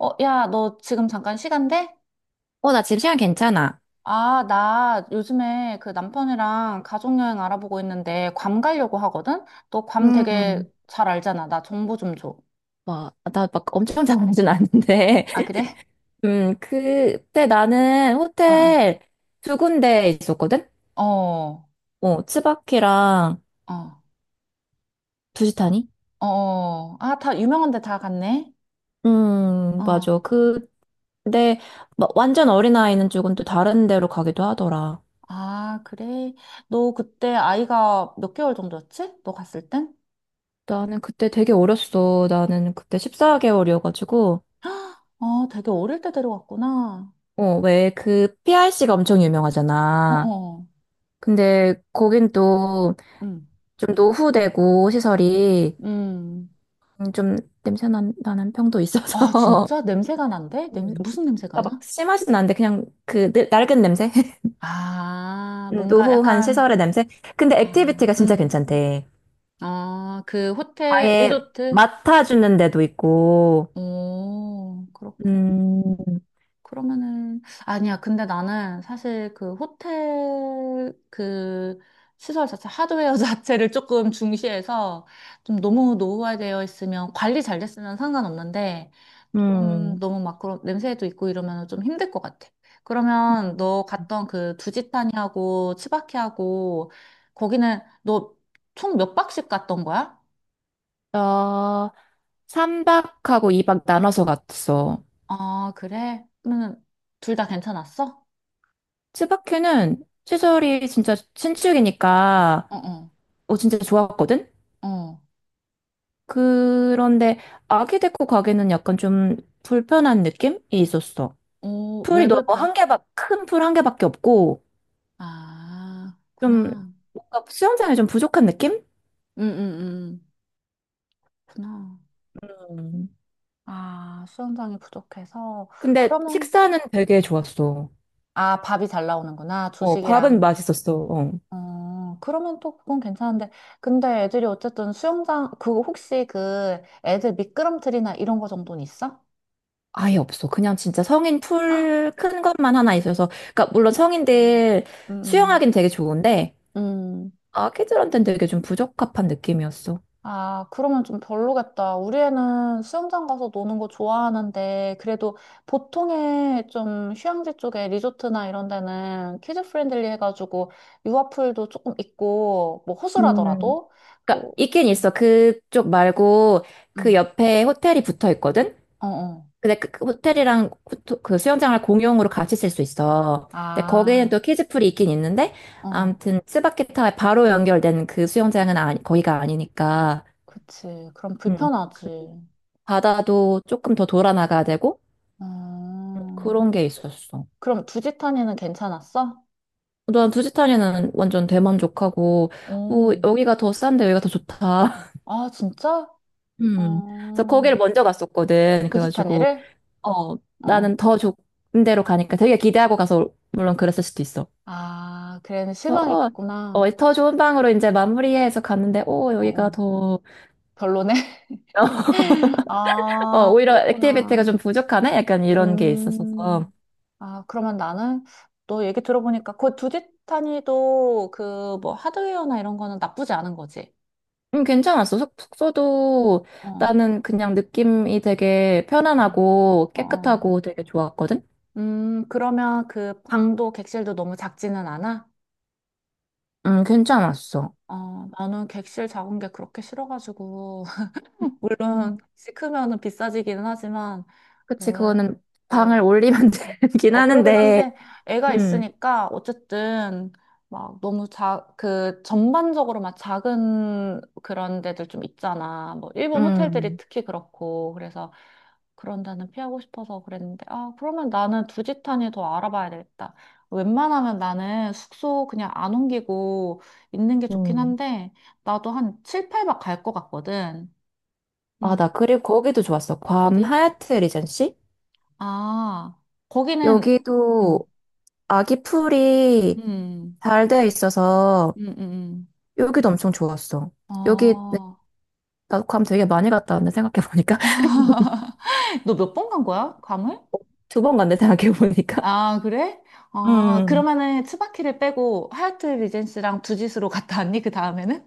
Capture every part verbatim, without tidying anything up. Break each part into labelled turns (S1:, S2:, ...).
S1: 어, 야, 너 지금 잠깐 시간 돼?
S2: 어, 나 지금 시간 괜찮아.
S1: 아, 나 요즘에 그 남편이랑 가족여행 알아보고 있는데 괌 가려고 하거든? 너 괌 되게
S2: 음,
S1: 잘 알잖아. 나 정보 좀 줘.
S2: 뭐, 나 막 엄청 잘하진 않는데.
S1: 아, 그래?
S2: 음, 그때 나는 호텔 두 군데 있었거든?
S1: 어, 어,
S2: 어, 츠바키랑
S1: 어,
S2: 두시타니?
S1: 어. 어. 아, 다 유명한 데 다 갔네?
S2: 음,
S1: 어.
S2: 맞아. 그, 근데 막 완전 어린아이는 조금 또 다른 데로 가기도 하더라.
S1: 아, 그래? 너 그때 아이가 몇 개월 정도였지? 너 갔을 땐?
S2: 나는 그때 되게 어렸어. 나는 그때 십사 개월이어가지고.
S1: 아, 되게 어릴 때 데려갔구나.
S2: 어, 왜 그 피아르시가 엄청
S1: 어,
S2: 유명하잖아.
S1: 어.
S2: 근데 거긴 또
S1: 음.
S2: 좀 노후되고 시설이
S1: 음.
S2: 음, 좀 냄새 난, 나는 평도
S1: 아,
S2: 있어서.
S1: 진짜? 냄새가 난대? 냄
S2: 음.
S1: 무슨 냄새가
S2: 그러니까 막
S1: 나?
S2: 심하진 않은데 그냥 그 늙- 낡은 냄새?
S1: 아,
S2: 음,
S1: 뭔가
S2: 노후한
S1: 약간,
S2: 시설의 냄새? 근데
S1: 아,
S2: 액티비티가 진짜
S1: 음,
S2: 괜찮대.
S1: 아, 그 호텔,
S2: 아예
S1: 리조트?
S2: 맡아주는 데도 있고.
S1: 오, 그렇구나.
S2: 음,
S1: 그러면은 아니야. 근데 나는 사실 그 호텔 그 시설 자체 하드웨어 자체를 조금 중시해서 좀 너무 노후화되어 있으면 관리 잘 됐으면 상관없는데 좀
S2: 음.
S1: 너무 막 그런 냄새도 있고 이러면 좀 힘들 것 같아. 그러면 너 갔던 그 두지타니하고 치바키하고 거기는 너 총 몇 박씩 갔던 거야?
S2: 나 삼 박하고 이 박 나눠서 갔어.
S1: 아, 그래? 그러면 둘 다 괜찮았어?
S2: 츠바큐는 시설이 진짜 신축이니까
S1: 어어.
S2: 어, 진짜 좋았거든?
S1: 어. 어,
S2: 그런데 아기 데리고 가기는 약간 좀 불편한 느낌이 있었어.
S1: 어,
S2: 풀이
S1: 왜
S2: 너무
S1: 불편?
S2: 한 개밖, 큰 풀 한 개밖에 없고,
S1: 아,
S2: 좀
S1: 구나.
S2: 뭔가 수영장이 좀 부족한 느낌?
S1: 응, 응, 응. 구나.
S2: 음.
S1: 아, 수영장이 부족해서.
S2: 근데
S1: 그러면,
S2: 식사는 되게 좋았어.
S1: 아, 밥이 잘 나오는구나.
S2: 어, 밥은
S1: 주식이랑.
S2: 맛있었어. 어.
S1: 어, 그러면 또 그건 괜찮은데. 근데 애들이 어쨌든 수영장, 그거 혹시 그 애들 미끄럼틀이나 이런 거 정도는 있어?
S2: 아예 없어. 그냥 진짜 성인
S1: 헉!
S2: 풀 큰 것만 하나 있어서. 그러니까 물론
S1: 음,
S2: 성인들
S1: 음,
S2: 수영하기는 되게 좋은데,
S1: 음.
S2: 아기들한테는 되게 좀 부적합한 느낌이었어.
S1: 아, 그러면 좀 별로겠다. 우리 애는 수영장 가서 노는 거 좋아하는데, 그래도 보통의 좀 휴양지 쪽에 리조트나 이런 데는 키즈 프렌들리 해가지고 유아풀도 조금 있고, 뭐
S2: 음.
S1: 호수라더라도,
S2: 그러니까
S1: 그리고,
S2: 있긴
S1: 음,
S2: 있어. 그쪽 말고 그
S1: 음.
S2: 옆에 호텔이 붙어 있거든.
S1: 어, 어.
S2: 근데 그, 그 호텔이랑 호- 그 수영장을 공용으로 같이 쓸 수 있어. 근데 거기는
S1: 아,
S2: 또 키즈풀이 있긴 있는데
S1: 어,
S2: 아무튼 스바키타에 바로 연결된 그 수영장은 아니, 거기가 아니니까
S1: 그치. 그럼
S2: 음,
S1: 불편하지.
S2: 그 바다도 조금 더 돌아 나가야 되고 음,
S1: 음,
S2: 그런 게 있었어.
S1: 그럼 두지타니는 괜찮았어?
S2: 난 부지타니는 완전 대만족하고 뭐
S1: 오,
S2: 여기가 더 싼데 여기가 더 좋다.
S1: 아, 진짜?
S2: 음. 그래서
S1: 어,
S2: 거기를 먼저 갔었거든. 그래가지고
S1: 두지타니를?
S2: 어,
S1: 어, 어.
S2: 나는 더 좋은 데로 가니까 되게 기대하고 가서 물론 그랬을 수도 있어.
S1: 아, 그래는
S2: 그래서 어,
S1: 실망했겠구나.
S2: 어, 더 좋은 방으로 이제 마무리해서 갔는데 오
S1: 어,
S2: 여기가
S1: 어.
S2: 더
S1: 별로네.
S2: 어,
S1: 아,
S2: 오히려 액티비티가
S1: 그랬구나.
S2: 좀 부족하네? 약간 이런 게 있었어서.
S1: 음. 아, 그러면 나는 너 얘기 들어보니까 그 두지타니도 그 뭐 하드웨어나 이런 거는 나쁘지 않은 거지.
S2: 음, 괜찮았어. 숙, 숙소도
S1: 어, 어,
S2: 나는 그냥 느낌이 되게 편안하고
S1: 어. 어.
S2: 깨끗하고 되게 좋았거든?
S1: 음, 그러면 그 방도 객실도 너무 작지는 않아?
S2: 음, 괜찮았어.
S1: 어, 나는 객실 작은 게 그렇게 싫어가지고.
S2: 음.
S1: 물론, 시 크면은 비싸지기는 하지만,
S2: 그치,
S1: 뭐,
S2: 그거는
S1: 어,
S2: 방을 올리면 되긴
S1: 어, 그러긴
S2: 하는데,
S1: 한데, 애가
S2: 음,
S1: 있으니까, 어쨌든, 막 너무 자, 그, 전반적으로 막 작은 그런 데들 좀 있잖아. 뭐, 일본 호텔들이
S2: 음.
S1: 특히 그렇고, 그래서 그런 데는 피하고 싶어서 그랬는데, 아, 그러면 나는 두지탄이더 알아봐야 되겠다. 웬만하면 나는 숙소 그냥 안 옮기고 있는 게 좋긴
S2: 음.
S1: 한데, 나도 한 칠, 팔 박 갈 것 같거든.
S2: 아,
S1: 음
S2: 나 그리고 거기도 좋았어. 괌
S1: 어디?
S2: 하얏트 리젠시?
S1: 아, 거기는,
S2: 여기도
S1: 음,
S2: 아기 풀이
S1: 음,
S2: 잘 돼 있어서
S1: 음, 음. 음.
S2: 여기도 엄청 좋았어. 여기
S1: 어.
S2: 나 괌 되게 많이 갔다 왔는데 생각해보니까.
S1: 너 몇 번 간 거야? 괌을?
S2: 두 번 갔네 생각해보니까.
S1: 아, 그래? 어,
S2: 음.
S1: 그러면은 츠바키를 빼고 하얏트 리젠시랑 두짓으로 갔다 왔니? 그 다음에는?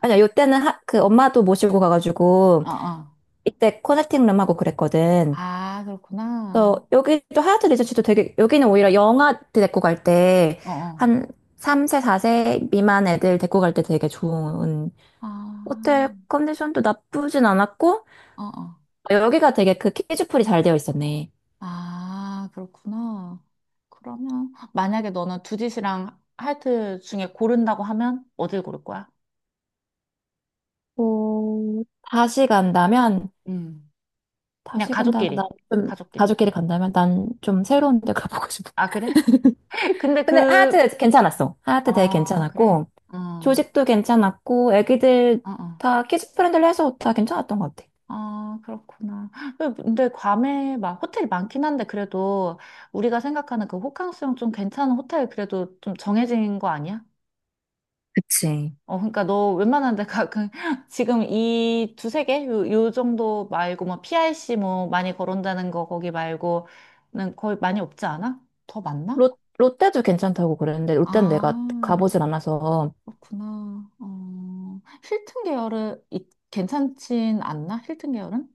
S2: 아니야, 요때는 하, 그 엄마도 모시고 가가지고
S1: 어, 어.
S2: 이때 커넥팅 룸하고 그랬거든.
S1: 아, 그렇구나.
S2: 그래서 여기도 하얏트 리젠시도 되게 여기는 오히려 영아 때 데리고 갈 때
S1: 어, 어.
S2: 한 삼 세, 사 세 미만 애들 데리고 갈 때 되게 좋은
S1: 아,
S2: 호텔 컨디션도 나쁘진 않았고,
S1: 어, 어.
S2: 여기가 되게 그 키즈풀이 잘 되어 있었네.
S1: 아, 그렇구나. 그러면 만약에 너는 두짓이랑 하얏트 중에 고른다고 하면 어딜 고를 거야?
S2: 어, 다시 간다면,
S1: 음. 그냥
S2: 다시 간다면 난
S1: 가족끼리.
S2: 좀,
S1: 가족끼리.
S2: 가족끼리 간다면 난 좀 새로운 데 가보고 싶어.
S1: 아, 그래? 근데
S2: 근데
S1: 그,
S2: 하얏트 괜찮았어. 하얏트 되게
S1: 아, 그래?
S2: 괜찮았고,
S1: 어,
S2: 조식도 괜찮았고, 애기들
S1: 어, 어.
S2: 다 키즈 프렌들리 해서 다 괜찮았던 것 같아.
S1: 아, 그렇구나. 그- 근데 괌에 막 호텔이 많긴 한데 그래도 우리가 생각하는 그 호캉스용 좀 괜찮은 호텔 그래도 좀 정해진 거 아니야?
S2: 그치.
S1: 어, 그러니까 너 웬만한 데가 그 지금 이 두세 개? 요, 요 정도 말고 뭐 피 알 씨 뭐 많이 거론되는 거 거기 말고는 거의 많이 없지 않아? 더 많나?
S2: 롯, 롯데도 괜찮다고 그랬는데, 롯데는 내가
S1: 아,
S2: 가보질 않아서,
S1: 그렇구나. 어, 힐튼 계열은 이- 괜찮진 않나? 힐튼 계열은?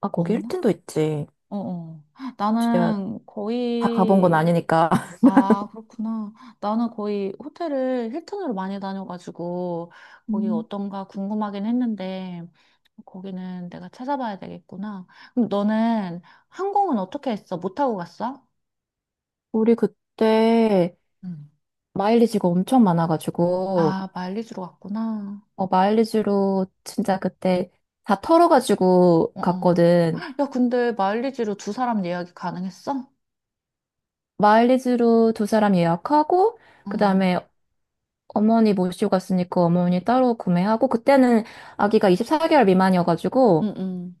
S2: 아, 거기
S1: 없나?
S2: 힐튼도 있지.
S1: 어, 어.
S2: 혹시 내가
S1: 나는
S2: 다 가본 건
S1: 거의,
S2: 아니니까.
S1: 아, 그렇구나. 나는 거의 호텔을 힐튼으로 많이 다녀가지고, 거기
S2: 음.
S1: 어떤가 궁금하긴 했는데, 거기는 내가 찾아봐야 되겠구나. 그럼 너는 항공은 어떻게 했어? 못 타고 갔어?
S2: 우리 그때
S1: 응
S2: 마일리지가 엄청 많아가지고,
S1: 아, 마일리지로 갔구나.
S2: 어, 마일리지로 진짜 그때 다 털어가지고
S1: 어, 어.
S2: 갔거든.
S1: 야, 근데 마일리지로 두 사람 예약이 가능했어?
S2: 마일리지로 두 사람 예약하고, 그
S1: 어,
S2: 다음에 어머니 모시고 갔으니까 어머니 따로 구매하고, 그때는 아기가 이십사 개월 미만이어가지고,
S1: 응, 응.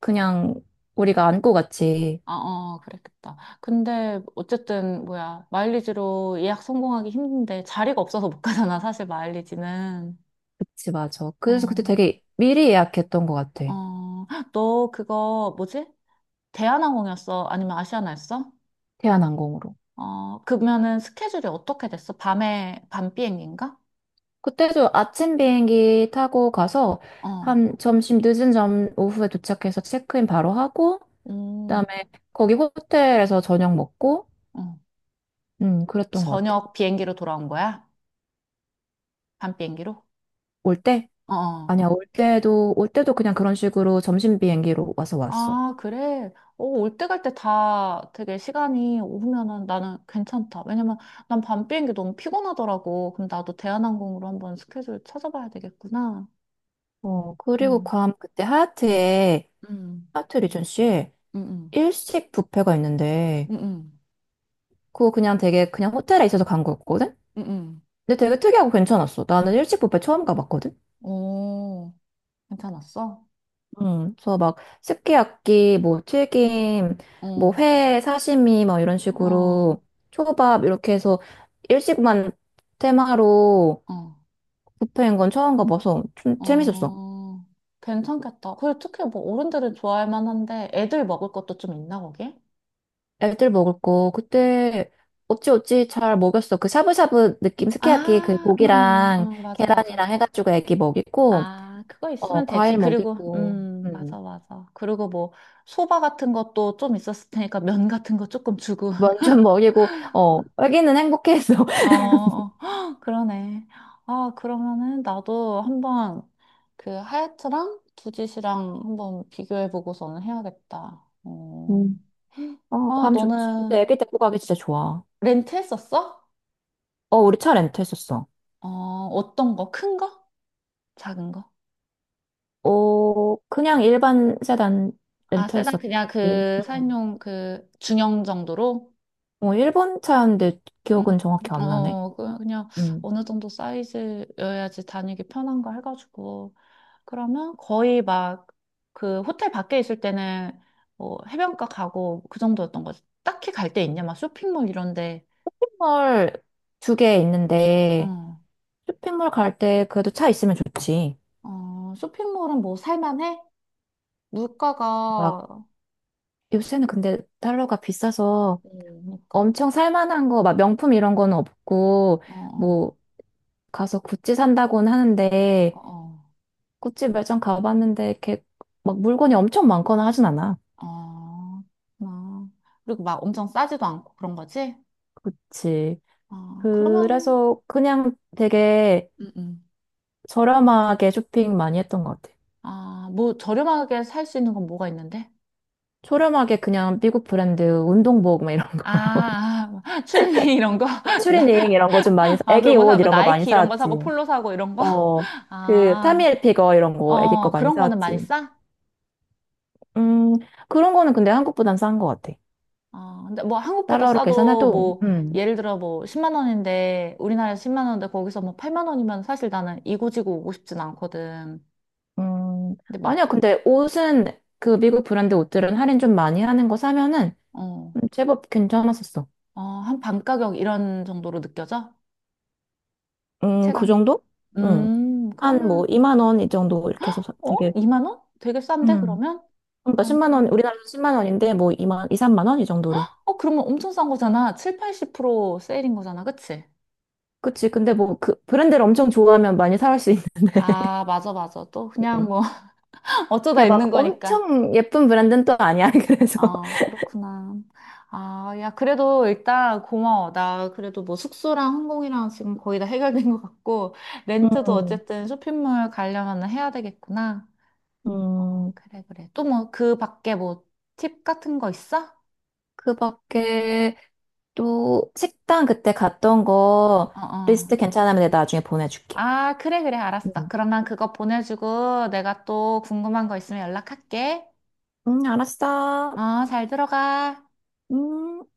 S2: 그냥 우리가 안고 갔지.
S1: 아, 어, 그랬겠다. 근데 어쨌든 뭐야 마일리지로 예약 성공하기 힘든데 자리가 없어서 못 가잖아 사실 마일리지는.
S2: 그치, 맞아. 그래서 그때
S1: 어,
S2: 되게 미리 예약했던 것 같아.
S1: 어, 너 그거 뭐지? 대한항공이었어? 아니면 아시아나였어?
S2: 대한항공으로.
S1: 어, 그러면은 스케줄이 어떻게 됐어? 밤에 밤 비행기인가?
S2: 그때도 아침 비행기 타고 가서
S1: 어,
S2: 한 점심 늦은 점 오후에 도착해서 체크인 바로 하고
S1: 음,
S2: 그다음에 거기 호텔에서 저녁 먹고
S1: 어,
S2: 음 그랬던 것 같아.
S1: 저녁 비행기로 돌아온 거야? 밤 비행기로?
S2: 올 때?
S1: 어. 어.
S2: 아니야 올 때도 올 때도 그냥 그런 식으로 점심 비행기로 와서 왔어.
S1: 아, 그래? 어, 올 때 갈 때 다 되게 시간이 오면은 나는 괜찮다. 왜냐면 난 밤 비행기 너무 피곤하더라고. 그럼 나도 대한항공으로 한번 스케줄 찾아봐야 되겠구나.
S2: 어 그리고
S1: 응,
S2: 괌 그때 하얏트에
S1: 응,
S2: 하얏트 리전시에
S1: 응, 응,
S2: 일식 뷔페가 있는데
S1: 응, 응,
S2: 그거 그냥 되게 그냥 호텔에 있어서 간 거였거든?
S1: 응, 응.
S2: 근데 되게 특이하고 괜찮았어. 나는 일식 뷔페 처음 가봤거든.
S1: 오, 괜찮았어?
S2: 음, 그래서 막스케야키 뭐 튀김, 뭐
S1: 어,
S2: 회 사시미 막 이런
S1: 어,
S2: 식으로 초밥 이렇게 해서 일식만 테마로
S1: 어,
S2: 뷔페인 건 처음 가봐서 좀 재밌었어.
S1: 어. 괜찮겠다. 그리고 특히 뭐 어른들은 좋아할 만한데 애들 먹을 것도 좀 있나, 거기?
S2: 애들 먹을 거 그때 어찌어찌 잘 먹였어. 그 샤브샤브 느낌
S1: 아,
S2: 스키야키 그
S1: 어, 어,
S2: 고기랑
S1: 어, 맞아, 맞아.
S2: 계란이랑 해가지고 애기 먹이고
S1: 아, 그거 있으면
S2: 어
S1: 되지.
S2: 과일
S1: 그리고,
S2: 먹이고
S1: 음, 맞아,
S2: 음.
S1: 맞아. 그리고 뭐, 소바 같은 것도 좀 있었을 테니까 면 같은 거 조금 주고.
S2: 면좀 먹이고 어 애기는 행복해했어.
S1: 어, 어. 헉, 그러네. 아, 그러면은 나도 한번 그 하얏트랑 두짓이랑 한번 비교해보고서는 해야겠다. 어.
S2: 음. 어,
S1: 아,
S2: 괌 좋지. 근데
S1: 너는
S2: 애기 데리고 가기 진짜 좋아.
S1: 렌트 했었어?
S2: 어, 우리 차 렌트했었어.
S1: 어, 어떤 거? 큰 거? 작은 거?
S2: 어, 그냥 일반 세단
S1: 아, 세단
S2: 렌트했었지.
S1: 그냥 그 사인
S2: 응.
S1: 용 그 중형 정도로?
S2: 어, 일본 차인데
S1: 음,
S2: 기억은 정확히 안 나네.
S1: 어, 그- 그냥
S2: 음.
S1: 어느 정도 사이즈여야지 다니기 편한 거 해가지고. 그러면 거의 막 그 호텔 밖에 있을 때는 뭐 해변가 가고 그 정도였던 거지. 딱히 갈 데 있냐? 막 쇼핑몰 이런데.
S2: 쇼핑몰 두 개 있는데,
S1: 어,
S2: 쇼핑몰 갈 때 그래도 차 있으면 좋지.
S1: 어, 쇼핑몰은 뭐 살만해?
S2: 막,
S1: 물가가,
S2: 요새는 근데 달러가 비싸서
S1: 음, 그러니까.
S2: 엄청 살만한 거, 막 명품 이런 거는 없고,
S1: 어,
S2: 뭐, 가서 구찌 산다고는
S1: 어,
S2: 하는데,
S1: 어,
S2: 구찌 매장 가봤는데, 이렇게 막 물건이 엄청 많거나 하진 않아.
S1: 어, 어, 그렇구나. 그리고 막 엄청 싸지도 않고 그런 거지?
S2: 그치.
S1: 어, 그러면,
S2: 그래서 그냥 되게
S1: 음, 음.
S2: 저렴하게 쇼핑 많이 했던 것 같아요.
S1: 아, 뭐 저렴하게 살 수 있는 건 뭐가 있는데?
S2: 저렴하게 그냥 미국 브랜드 운동복 막 이런 거.
S1: 아, 아, 추리닝 이런 거?
S2: 그런
S1: 나-
S2: 추리닝 이런 거 좀 많이 사,
S1: 아,
S2: 애기
S1: 그런 거 사,
S2: 옷
S1: 뭐
S2: 이런 거 많이
S1: 나이키 이런 거
S2: 사왔지.
S1: 사고 폴로 사고 이런 거?
S2: 어, 그
S1: 아,
S2: 타미엘피거 이런
S1: 어,
S2: 거 애기 거
S1: 어,
S2: 많이
S1: 그런 거는 많이
S2: 사왔지.
S1: 싸?
S2: 음, 그런 거는 근데 한국보단 싼 것 같아.
S1: 어, 근데 뭐 한국보다
S2: 달러로
S1: 싸도
S2: 계산해도,
S1: 뭐
S2: 음,
S1: 예를 들어 뭐 십만 원인데 우리나라에서 십만 원인데 거기서 뭐 팔만 원이면 사실 나는 이고지고 오고 싶진 않거든.
S2: 음,
S1: 근데 막,
S2: 아니야. 근데 옷은 그 미국 브랜드 옷들은 할인 좀 많이 하는 거 사면은
S1: 어,
S2: 음, 제법 괜찮았었어.
S1: 어, 한 반 가격 이런 정도로 느껴져?
S2: 음, 그
S1: 체감?
S2: 정도? 응.
S1: 음,
S2: 한 뭐
S1: 그러면,
S2: 이만 원 이 정도 이렇게 해서 사-
S1: 어?
S2: 되게
S1: 이만 원? 되게 싼데
S2: 음.
S1: 그러면? 어.
S2: 그러니까 만원 우리나라에서 십만 원인데 뭐 이만 이 삼만 원 이 정도로.
S1: 어, 그러면 엄청 싼 거잖아. 칠, 팔십 퍼센트 세일인 거잖아. 그치?
S2: 그치. 근데 뭐 그 브랜드를 엄청 좋아하면 많이 살 수 있는.
S1: 아, 맞아, 맞아. 또 그냥
S2: 음.
S1: 뭐 어쩌다
S2: 그게
S1: 있는
S2: 막
S1: 거니까.
S2: 엄청 예쁜 브랜드는 또 아니야. 그래서
S1: 아, 그렇구나. 아, 야, 그래도 일단 고마워. 나 그래도 뭐 숙소랑 항공이랑 지금 거의 다 해결된 것 같고, 렌트도
S2: 음.
S1: 어쨌든 쇼핑몰 가려면 해야 되겠구나. 어,
S2: 음.
S1: 그래, 그래. 또 뭐 그 밖에 뭐 팁 같은 거 있어?
S2: 그밖에 또 식당 그때 갔던 거
S1: 어, 어.
S2: 리스트 괜찮으면 내가 나중에 보내줄게.
S1: 아, 그래, 그래. 알았어.
S2: 음.
S1: 그러면 그거 보내주고 내가 또 궁금한 거 있으면 연락할게.
S2: 음, 알았어.
S1: 어, 잘 들어가.
S2: 음.